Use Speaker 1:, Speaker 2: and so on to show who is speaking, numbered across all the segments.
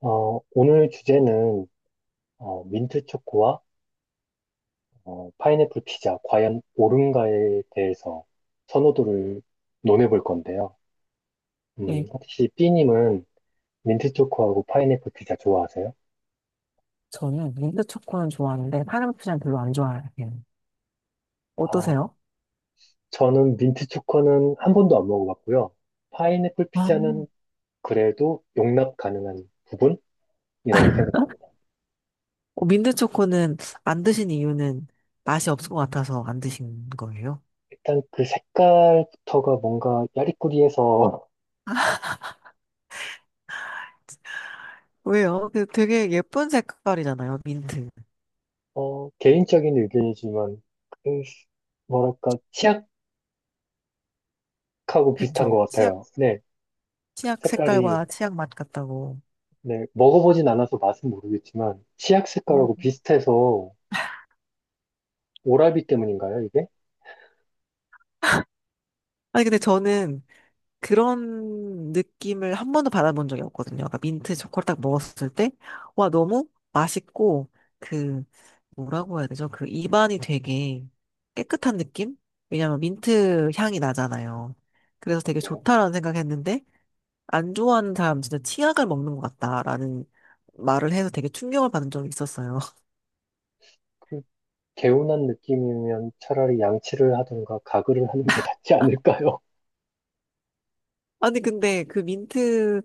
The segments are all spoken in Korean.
Speaker 1: 오늘 주제는 민트 초코와 파인애플 피자, 과연 옳은가에 대해서 선호도를 논해볼 건데요.
Speaker 2: 네,
Speaker 1: 혹시 B님은 민트 초코하고 파인애플 피자 좋아하세요?
Speaker 2: 저는 민트 초코는 좋아하는데 파인애플은 별로 안 좋아해요.
Speaker 1: 아,
Speaker 2: 어떠세요?
Speaker 1: 저는 민트 초코는 한 번도 안 먹어봤고요. 파인애플
Speaker 2: 아,
Speaker 1: 피자는 그래도 용납 가능한 부분이라고 생각합니다.
Speaker 2: 민트 초코는 안 드신 이유는 맛이 없을 것 같아서 안 드신 거예요?
Speaker 1: 일단 그 색깔부터가 뭔가 야리꾸리해서
Speaker 2: 왜요? 그 되게 예쁜 색깔이잖아요, 민트.
Speaker 1: 개인적인 의견이지만 그 뭐랄까, 치약 하고 비슷한
Speaker 2: 그쵸?
Speaker 1: 것
Speaker 2: 치약,
Speaker 1: 같아요. 네,
Speaker 2: 치약
Speaker 1: 색깔이,
Speaker 2: 색깔과 치약 맛 같다고.
Speaker 1: 네, 먹어보진 않아서 맛은 모르겠지만, 치약 색깔하고
Speaker 2: 음,
Speaker 1: 비슷해서 오라비 때문인가요, 이게?
Speaker 2: 아니, 근데 저는 그런 느낌을 한 번도 받아본 적이 없거든요. 그러니까 민트 초코를 딱 먹었을 때, 와, 너무 맛있고, 그, 뭐라고 해야 되죠? 그 입안이 되게 깨끗한 느낌? 왜냐면 민트 향이 나잖아요. 그래서 되게
Speaker 1: 네.
Speaker 2: 좋다라는 생각했는데, 안 좋아하는 사람 진짜 치약을 먹는 것 같다라는 말을 해서 되게 충격을 받은 적이 있었어요.
Speaker 1: 그 개운한 느낌이면 차라리 양치를 하든가 가글을 하는 게 낫지 않을까요?
Speaker 2: 아니, 근데 그 민트,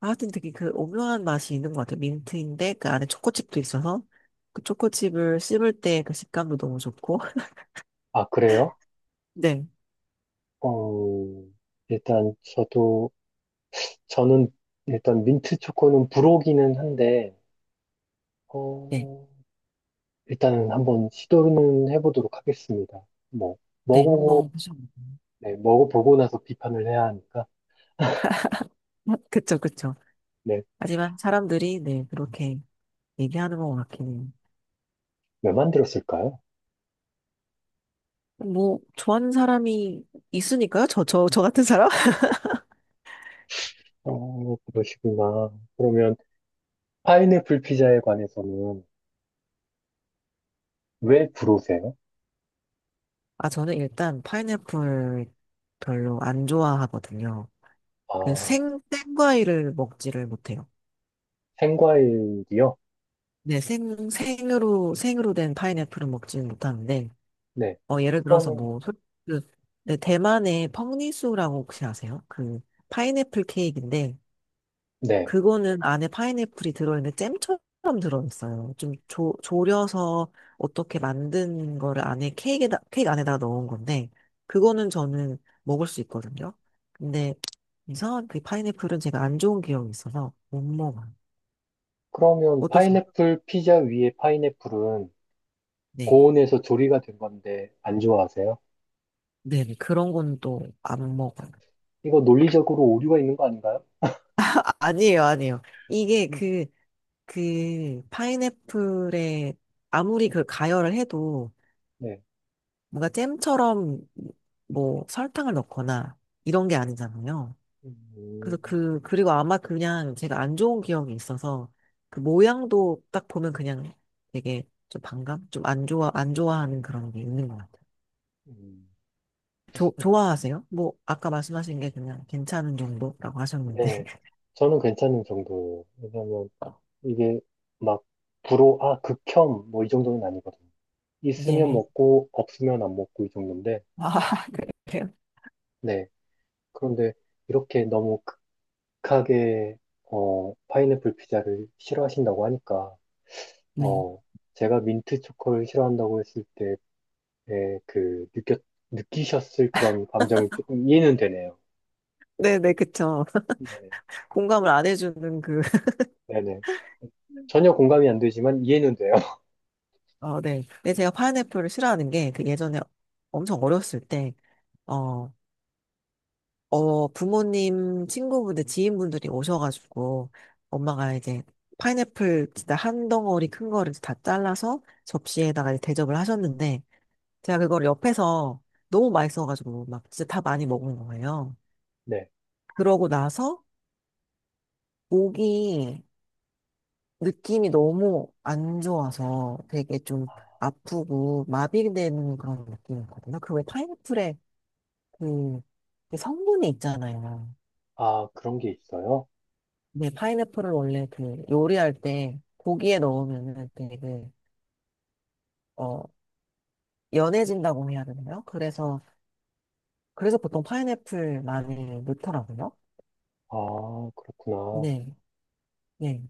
Speaker 2: 아, 하여튼 되게 그 오묘한 맛이 있는 것 같아요. 민트인데 그 안에 초코칩도 있어서 그 초코칩을 씹을 때 그 식감도 너무 좋고.
Speaker 1: 아, 그래요?
Speaker 2: 네,
Speaker 1: 어, 일단 저도, 저는 일단 민트 초코는 불호기는 한데,
Speaker 2: 네,
Speaker 1: 어, 일단은 한번 시도는 해보도록 하겠습니다. 뭐,
Speaker 2: 네. 한번
Speaker 1: 먹어보고,
Speaker 2: 보셔.
Speaker 1: 네, 먹어보고 나서 비판을 해야 하니까.
Speaker 2: 그쵸, 그쵸.
Speaker 1: 네.
Speaker 2: 하지만 사람들이 네, 그렇게 얘기하는 것 같긴 해요.
Speaker 1: 왜 만들었을까요?
Speaker 2: 뭐, 좋아하는 사람이 있으니까요? 저 같은 사람?
Speaker 1: 그러시구나. 그러면 파인애플 피자에 관해서는 왜 부르세요?
Speaker 2: 아, 저는 일단 파인애플 별로 안 좋아하거든요. 그
Speaker 1: 아,
Speaker 2: 생과일을 먹지를 못해요.
Speaker 1: 생과일이요?
Speaker 2: 네, 생으로 된 파인애플은 먹지는 못하는데,
Speaker 1: 네.
Speaker 2: 어, 예를 들어서
Speaker 1: 그러면,
Speaker 2: 뭐, 그, 네, 대만의 펑리수라고 혹시 아세요? 그, 파인애플 케이크인데,
Speaker 1: 네.
Speaker 2: 그거는 안에 파인애플이 들어있는데 잼처럼 들어있어요. 좀 졸여서 어떻게 만든 거를 안에 케이크 안에다 넣은 건데, 그거는 저는 먹을 수 있거든요. 근데 이상한 그 파인애플은 제가 안 좋은 기억이 있어서 못 먹어요.
Speaker 1: 그러면
Speaker 2: 어떠세요?
Speaker 1: 파인애플 피자 위에 파인애플은
Speaker 2: 네.
Speaker 1: 고온에서 조리가 된 건데 안 좋아하세요?
Speaker 2: 네네, 그런 건 또 안 먹어요.
Speaker 1: 이거 논리적으로 오류가 있는 거 아닌가요?
Speaker 2: 아, 아니에요, 아니에요. 이게 그, 그, 파인애플에 아무리 그 가열을 해도
Speaker 1: 네.
Speaker 2: 뭔가 잼처럼 뭐 설탕을 넣거나 이런 게 아니잖아요.
Speaker 1: 음,
Speaker 2: 그래서 그, 그리고 아마 그냥 제가 안 좋은 기억이 있어서 그 모양도 딱 보면 그냥 되게 좀 반감? 좀 안 좋아하는 그런 게 있는 것 같아요.
Speaker 1: 음.
Speaker 2: 좋아하세요? 뭐, 아까 말씀하신 게 그냥 괜찮은 정도라고 하셨는데.
Speaker 1: 네. 저는 괜찮은 정도예요. 왜냐면 이게 막 불호, 아, 극혐, 뭐 이 정도는 아니거든요. 있으면
Speaker 2: 네.
Speaker 1: 먹고 없으면 안 먹고 이 정도인데
Speaker 2: 아, 그래요?
Speaker 1: 네. 그런데 이렇게 너무 극하게 파인애플 피자를 싫어하신다고 하니까
Speaker 2: 네.
Speaker 1: 어 제가 민트 초코를 싫어한다고 했을 때의 그 느꼈 느끼셨을 그런 감정이 조금 이해는 되네요.
Speaker 2: 네네, 그쵸.
Speaker 1: 네네.
Speaker 2: 공감을 안 해주는 그,
Speaker 1: 네네. 전혀 공감이 안 되지만 이해는 돼요.
Speaker 2: 어, 네. 근데 제가 파인애플을 싫어하는 게, 그 예전에 엄청 어렸을 때, 어, 부모님, 친구분들, 지인분들이 오셔가지고, 엄마가 이제 파인애플 진짜 한 덩어리 큰 거를 다 잘라서 접시에다가 이제 대접을 하셨는데, 제가 그걸 옆에서 너무 맛있어가지고, 막 진짜 다 많이 먹은 거예요.
Speaker 1: 네.
Speaker 2: 그러고 나서, 목이 느낌이 너무 안 좋아서 되게 좀 아프고 마비되는 그런 느낌이었거든요. 그 왜 파인애플에 그, 그 성분이 있잖아요.
Speaker 1: 아, 그런 게 있어요?
Speaker 2: 네, 파인애플을 원래 그 요리할 때 고기에 넣으면은 되게 어 연해진다고 해야 되나요? 그래서 보통 파인애플 많이 넣더라고요.
Speaker 1: 아, 그렇구나.
Speaker 2: 네, 네,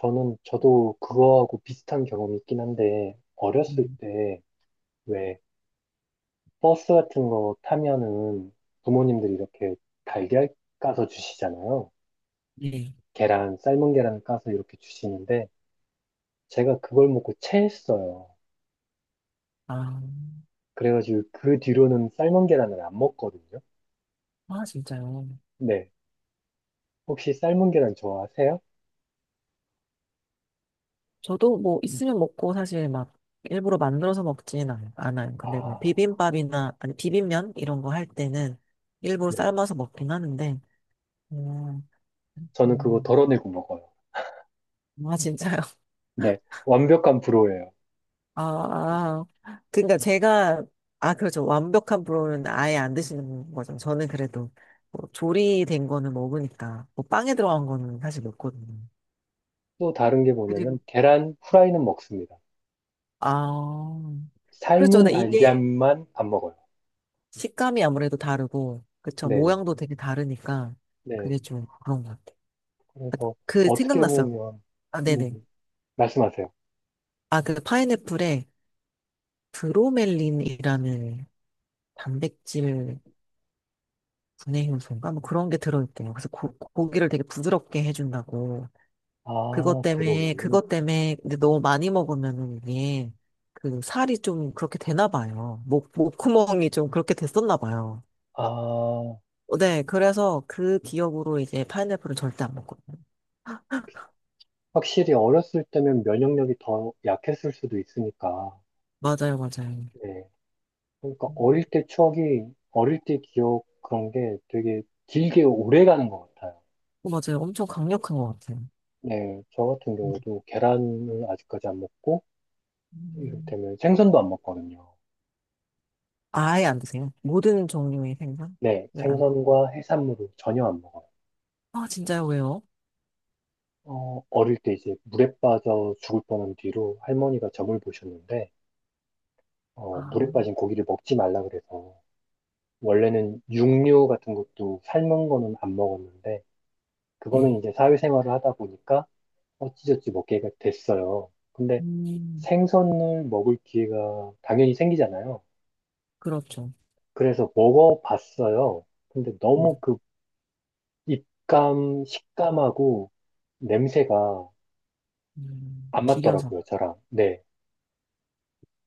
Speaker 1: 저는, 저도 그거하고 비슷한 경험이 있긴 한데, 어렸을
Speaker 2: 음,
Speaker 1: 때, 왜, 버스 같은 거 타면은 부모님들이 이렇게 달걀 까서 주시잖아요.
Speaker 2: 네.
Speaker 1: 계란, 삶은 계란을 까서 이렇게 주시는데 제가 그걸 먹고 체했어요.
Speaker 2: 아,
Speaker 1: 그래가지고 그 뒤로는 삶은 계란을 안 먹거든요.
Speaker 2: 아 진짜요?
Speaker 1: 네. 혹시 삶은 계란 좋아하세요?
Speaker 2: 저도 뭐 있으면 먹고 사실 막 일부러 만들어서 않아요. 근데 뭐
Speaker 1: 아,
Speaker 2: 비빔밥이나 아니 비빔면 이런 거 할 때는 일부러
Speaker 1: 네.
Speaker 2: 삶아서 먹긴 하는데. 음,
Speaker 1: 저는 그거
Speaker 2: 음.
Speaker 1: 덜어내고 먹어요.
Speaker 2: 아 진짜요?
Speaker 1: 네. 완벽한 프로예요.
Speaker 2: 아, 아. 그러니까 제가 아 그렇죠. 완벽한 불호는 아예 안 드시는 거죠. 저는 그래도 뭐 조리된 거는 먹으니까 뭐 빵에 들어간 거는 사실 먹거든요.
Speaker 1: 또 다른 게
Speaker 2: 그리고
Speaker 1: 뭐냐면 계란 후라이는 먹습니다.
Speaker 2: 아, 그렇죠.
Speaker 1: 삶은
Speaker 2: 근데 이게
Speaker 1: 달걀만 안 먹어요.
Speaker 2: 식감이 아무래도 다르고, 그쵸.
Speaker 1: 네네.
Speaker 2: 모양도 되게 다르니까,
Speaker 1: 네.
Speaker 2: 그게 좀 그런 것 같아요. 아,
Speaker 1: 그래서
Speaker 2: 그,
Speaker 1: 어떻게
Speaker 2: 생각났어요.
Speaker 1: 보면
Speaker 2: 아,
Speaker 1: 음,
Speaker 2: 네네.
Speaker 1: 음. 말씀하세요.
Speaker 2: 아, 그 파인애플에 브로멜린이라는 단백질 분해 효소인가? 뭐 그런 게 들어있대요. 그래서 고, 고기를 되게 부드럽게 해준다고.
Speaker 1: 아, 들어오니.
Speaker 2: 근데 너무 많이 먹으면은 이게, 그 살이 좀 그렇게 되나 봐요. 목구멍이 좀 그렇게 됐었나 봐요.
Speaker 1: 아,
Speaker 2: 어, 네, 그래서 그 기억으로 이제 파인애플은 절대 안 먹거든요.
Speaker 1: 확실히 어렸을 때면 면역력이 더 약했을 수도 있으니까.
Speaker 2: 맞아요.
Speaker 1: 네. 그러니까
Speaker 2: 음,
Speaker 1: 어릴 때 추억이, 어릴 때 기억 그런 게 되게 길게 오래 가는 것 같아요.
Speaker 2: 어, 맞아요. 엄청 강력한 것 같아요.
Speaker 1: 네. 저 같은 경우도 계란을 아직까지 안 먹고,
Speaker 2: 음.
Speaker 1: 이를테면 생선도 안 먹거든요.
Speaker 2: 아예 안 드세요? 모든 종류의 생선은
Speaker 1: 네.
Speaker 2: 안.
Speaker 1: 생선과 해산물을 전혀 안 먹어요.
Speaker 2: 아, 진짜요? 왜요?
Speaker 1: 어릴 때 이제 물에 빠져 죽을 뻔한 뒤로 할머니가 점을 보셨는데,
Speaker 2: 아,
Speaker 1: 물에 빠진 고기를 먹지 말라 그래서 원래는 육류 같은 것도 삶은 거는 안 먹었는데, 그거는
Speaker 2: 네,
Speaker 1: 이제 사회생활을 하다 보니까 어찌저찌 먹게 됐어요. 근데
Speaker 2: 음,
Speaker 1: 생선을 먹을 기회가 당연히 생기잖아요.
Speaker 2: 그렇죠.
Speaker 1: 그래서 먹어봤어요. 근데
Speaker 2: 음,
Speaker 1: 너무 그 입감, 식감하고 냄새가 안
Speaker 2: 비려서.
Speaker 1: 맞더라고요, 저랑. 네.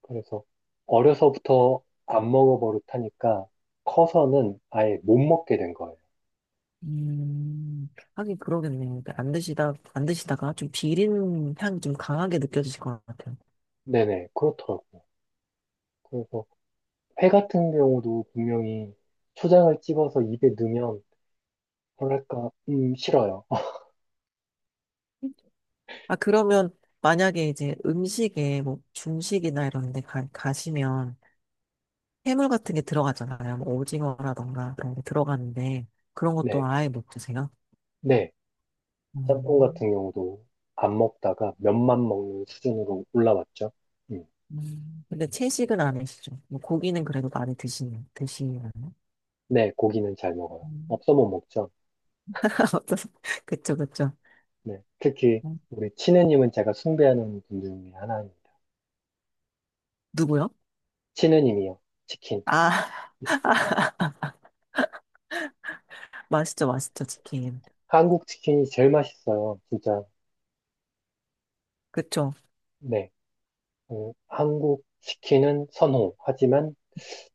Speaker 1: 그래서 어려서부터 안 먹어버릇하니까 커서는 아예 못 먹게 된 거예요.
Speaker 2: 음. 하긴 그러겠네요. 그러니까 안 드시다가 좀 비린 향이 좀 강하게 느껴지실 것 같아요.
Speaker 1: 네네, 그렇더라고요. 그래서 회 같은 경우도 분명히 초장을 찍어서 입에 넣으면 뭐랄까, 싫어요.
Speaker 2: 아, 그러면 만약에 이제 음식에 뭐 중식이나 이런 데 가시면 해물 같은 게 들어가잖아요. 뭐 오징어라던가 그런 게 들어가는데 그런 것도
Speaker 1: 네,
Speaker 2: 아예 못 드세요?
Speaker 1: 네. 짬뽕
Speaker 2: 음,
Speaker 1: 같은 경우도 안 먹다가 면만 먹는 수준으로 올라왔죠. 음,
Speaker 2: 근데 채식은 안 하시죠? 뭐 고기는 그래도 많이 드시는 드시나요?
Speaker 1: 네, 고기는 잘 먹어요.
Speaker 2: 음.
Speaker 1: 없어 못 먹죠.
Speaker 2: 어떠세- 그쵸, 그쵸.
Speaker 1: 네, 특히
Speaker 2: 음.
Speaker 1: 우리 치느님은 제가 숭배하는 분들 중에 하나입니다.
Speaker 2: 누구요?
Speaker 1: 치느님이요. 치킨.
Speaker 2: 아, 맛있죠 치킨.
Speaker 1: 한국 치킨이 제일 맛있어요. 진짜.
Speaker 2: 그쵸.
Speaker 1: 네. 한국 치킨은 선호. 하지만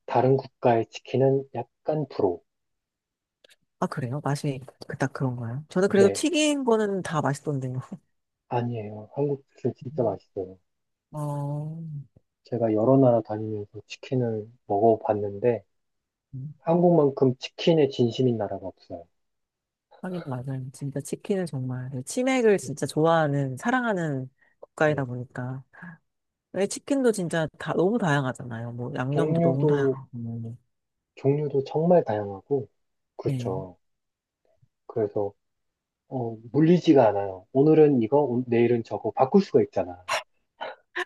Speaker 1: 다른 국가의 치킨은 약간 불호.
Speaker 2: 아, 그래요? 맛이 그닥 그런가요? 저는 그래도
Speaker 1: 네.
Speaker 2: 튀긴 거는 다 맛있던데요.
Speaker 1: 아니에요. 한국 치킨 진짜 맛있어요.
Speaker 2: 어.
Speaker 1: 제가 여러 나라 다니면서 치킨을 먹어봤는데 한국만큼 치킨에 진심인 나라가 없어요.
Speaker 2: 하긴 맞아요. 진짜 치킨은 정말 그 치맥을
Speaker 1: 네.
Speaker 2: 진짜 좋아하는 사랑하는 국가이다
Speaker 1: 네.
Speaker 2: 보니까 왜 치킨도 진짜 다 너무 다양하잖아요. 뭐 양념도 너무
Speaker 1: 종류도
Speaker 2: 다양하고. 뭐.
Speaker 1: 종류도 정말 다양하고
Speaker 2: 네.
Speaker 1: 그렇죠. 그래서 물리지가 않아요. 오늘은 이거, 내일은 저거 바꿀 수가 있잖아.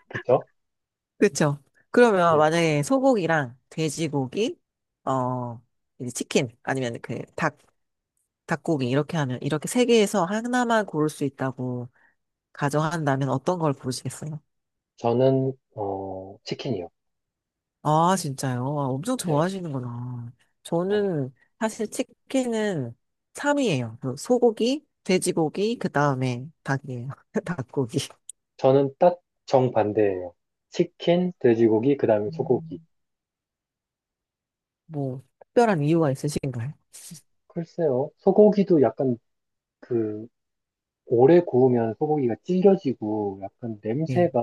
Speaker 1: 그렇죠?
Speaker 2: 그렇죠. 그러면
Speaker 1: 네.
Speaker 2: 만약에 소고기랑 돼지고기, 어 이제 치킨 아니면 그 닭, 닭고기 이렇게 하면 이렇게 세 개에서 하나만 고를 수 있다고 가정한다면 어떤 걸 고르시겠어요?
Speaker 1: 저는 치킨이요.
Speaker 2: 아, 진짜요? 아, 엄청
Speaker 1: 네.
Speaker 2: 좋아하시는구나.
Speaker 1: 어,
Speaker 2: 저는 사실 치킨은 3위예요. 소고기, 돼지고기, 그 다음에 닭이에요. 닭고기.
Speaker 1: 저는 딱 정반대예요. 치킨, 돼지고기, 그다음에 소고기.
Speaker 2: 음, 뭐, 특별한 이유가 있으신가요?
Speaker 1: 글쎄요. 소고기도 약간 그 오래 구우면 소고기가 질겨지고 약간
Speaker 2: 예.
Speaker 1: 냄새가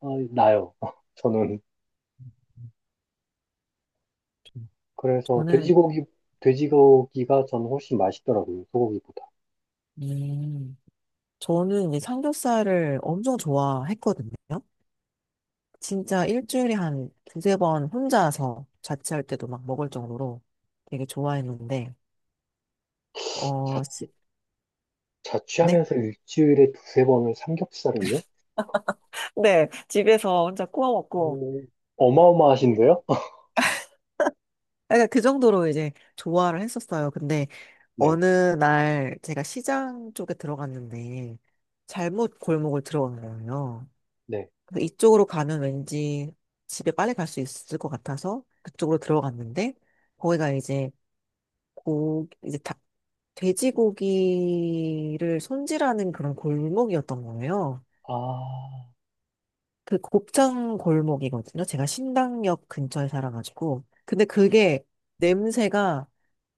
Speaker 1: 나요. 저는. 그래서
Speaker 2: 저는,
Speaker 1: 돼지고기가 저는 훨씬 맛있더라고요. 소고기보다.
Speaker 2: 음, 저는 이제 삼겹살을 엄청 좋아했거든요. 진짜 일주일에 한 두세 번 혼자서 자취할 때도 막 먹을 정도로 되게 좋아했는데,
Speaker 1: 자,
Speaker 2: 어, 네?
Speaker 1: 자취하면서 일주일에 두세 번을 삼겹살을요?
Speaker 2: 네, 집에서 혼자 구워 먹고,
Speaker 1: 오,
Speaker 2: 그러니까
Speaker 1: 어마어마하신데요?
Speaker 2: 그 정도로 이제 좋아를 했었어요. 근데
Speaker 1: 네,
Speaker 2: 어느 날 제가 시장 쪽에 들어갔는데 잘못 골목을 들어간 거예요.
Speaker 1: 네.
Speaker 2: 그래서 이쪽으로 가면 왠지 집에 빨리 갈 수 있을 것 같아서 그쪽으로 들어갔는데 거기가 이제 고 이제 닭 돼지고기를 손질하는 그런 골목이었던 거예요.
Speaker 1: 아,
Speaker 2: 그 곱창 골목이거든요. 제가 신당역 근처에 살아가지고. 근데 그게 냄새가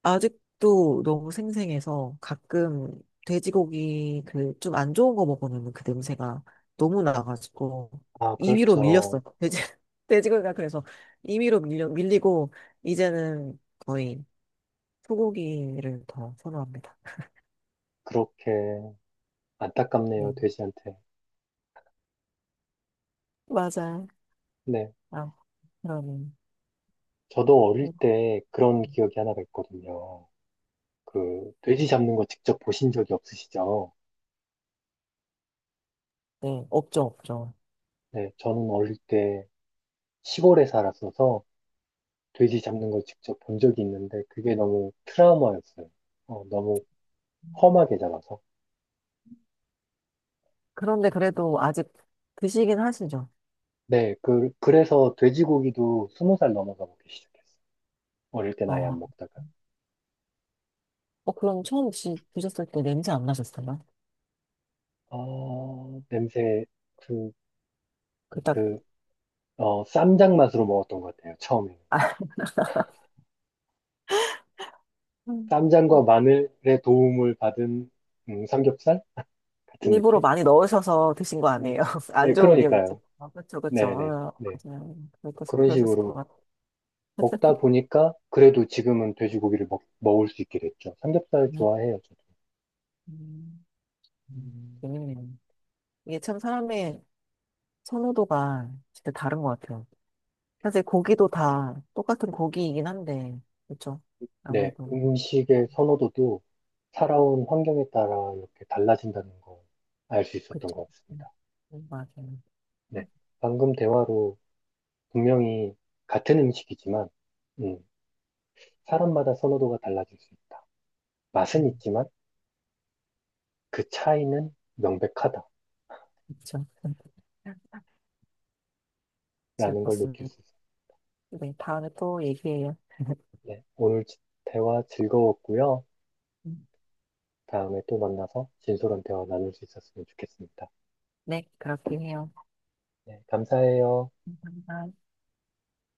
Speaker 2: 아직도 너무 생생해서 가끔 돼지고기 그 좀 안 좋은 거 먹으면 그 냄새가 너무 나가지고
Speaker 1: 아,
Speaker 2: 2위로
Speaker 1: 그렇죠.
Speaker 2: 밀렸어요. 돼지, 돼지고기가 그래서 밀리고 이제는 거의 소고기를 더 선호합니다.
Speaker 1: 그렇게 안타깝네요,
Speaker 2: 네.
Speaker 1: 돼지한테.
Speaker 2: 맞아.
Speaker 1: 네.
Speaker 2: 아, 그러면.
Speaker 1: 저도 어릴 때 그런 기억이 하나가 있거든요. 그, 돼지 잡는 거 직접 보신 적이 없으시죠?
Speaker 2: 네, 없죠.
Speaker 1: 네, 저는 어릴 때 시골에 살았어서 돼지 잡는 걸 직접 본 적이 있는데 그게 너무 트라우마였어요. 너무 험하게 잡아서.
Speaker 2: 그런데 그래도 아직 드시긴 하시죠?
Speaker 1: 네, 그래서 돼지고기도 20살 넘어서 먹기 시작했어요. 어릴 땐
Speaker 2: 아,
Speaker 1: 아예 안 먹다가.
Speaker 2: 어, 그럼 처음 혹 드셨을 때 냄새 안 나셨어요?
Speaker 1: 아, 냄새, 그,
Speaker 2: 그 딱,
Speaker 1: 그, 쌈장 맛으로 먹었던 것 같아요, 처음에는.
Speaker 2: 아, 음.
Speaker 1: 쌈장과 마늘의 도움을 받은, 삼겹살 같은
Speaker 2: 일부러
Speaker 1: 느낌?
Speaker 2: 많이 넣으셔서 드신 거
Speaker 1: 네,
Speaker 2: 아니에요? 안
Speaker 1: 네,
Speaker 2: 좋은 기억이 있죠?
Speaker 1: 그러니까요.
Speaker 2: 아, 그쵸, 그쵸.
Speaker 1: 네네, 네.
Speaker 2: 아,
Speaker 1: 네.
Speaker 2: 맞아요. 그러셨,
Speaker 1: 그런
Speaker 2: 그러셨을 것
Speaker 1: 식으로
Speaker 2: 같아요.
Speaker 1: 먹다 보니까 그래도 지금은 돼지고기를 먹을 수 있게 됐죠. 삼겹살
Speaker 2: 음,
Speaker 1: 좋아해요, 저도.
Speaker 2: 음, 음.
Speaker 1: 음,
Speaker 2: 재밌네요. 이게 참 사람의 선호도가 진짜 다른 것 같아요. 사실 고기도 다 똑같은 고기이긴 한데, 그렇죠
Speaker 1: 네,
Speaker 2: 아무래도,
Speaker 1: 음식의 선호도도 살아온 환경에 따라 이렇게 달라진다는 걸 알 수
Speaker 2: 그렇
Speaker 1: 있었던
Speaker 2: 죠
Speaker 1: 것 같습니다.
Speaker 2: 맞아요.
Speaker 1: 네, 방금 대화로 분명히 같은 음식이지만, 음, 사람마다 선호도가 달라질 수 있다. 맛은
Speaker 2: 음.
Speaker 1: 있지만 그 차이는 명백하다라는
Speaker 2: 그쵸. 즐겁
Speaker 1: 걸
Speaker 2: 습
Speaker 1: 느낄
Speaker 2: 니
Speaker 1: 수
Speaker 2: 다
Speaker 1: 있습니다.
Speaker 2: 네, 다음에 또 얘기해요.
Speaker 1: 네, 오늘 대화 즐거웠고요. 다음에 또 만나서 진솔한 대화 나눌 수 있었으면 좋겠습니다.
Speaker 2: 네, 그렇게 해요.
Speaker 1: 네, 감사해요.
Speaker 2: 감사합니다.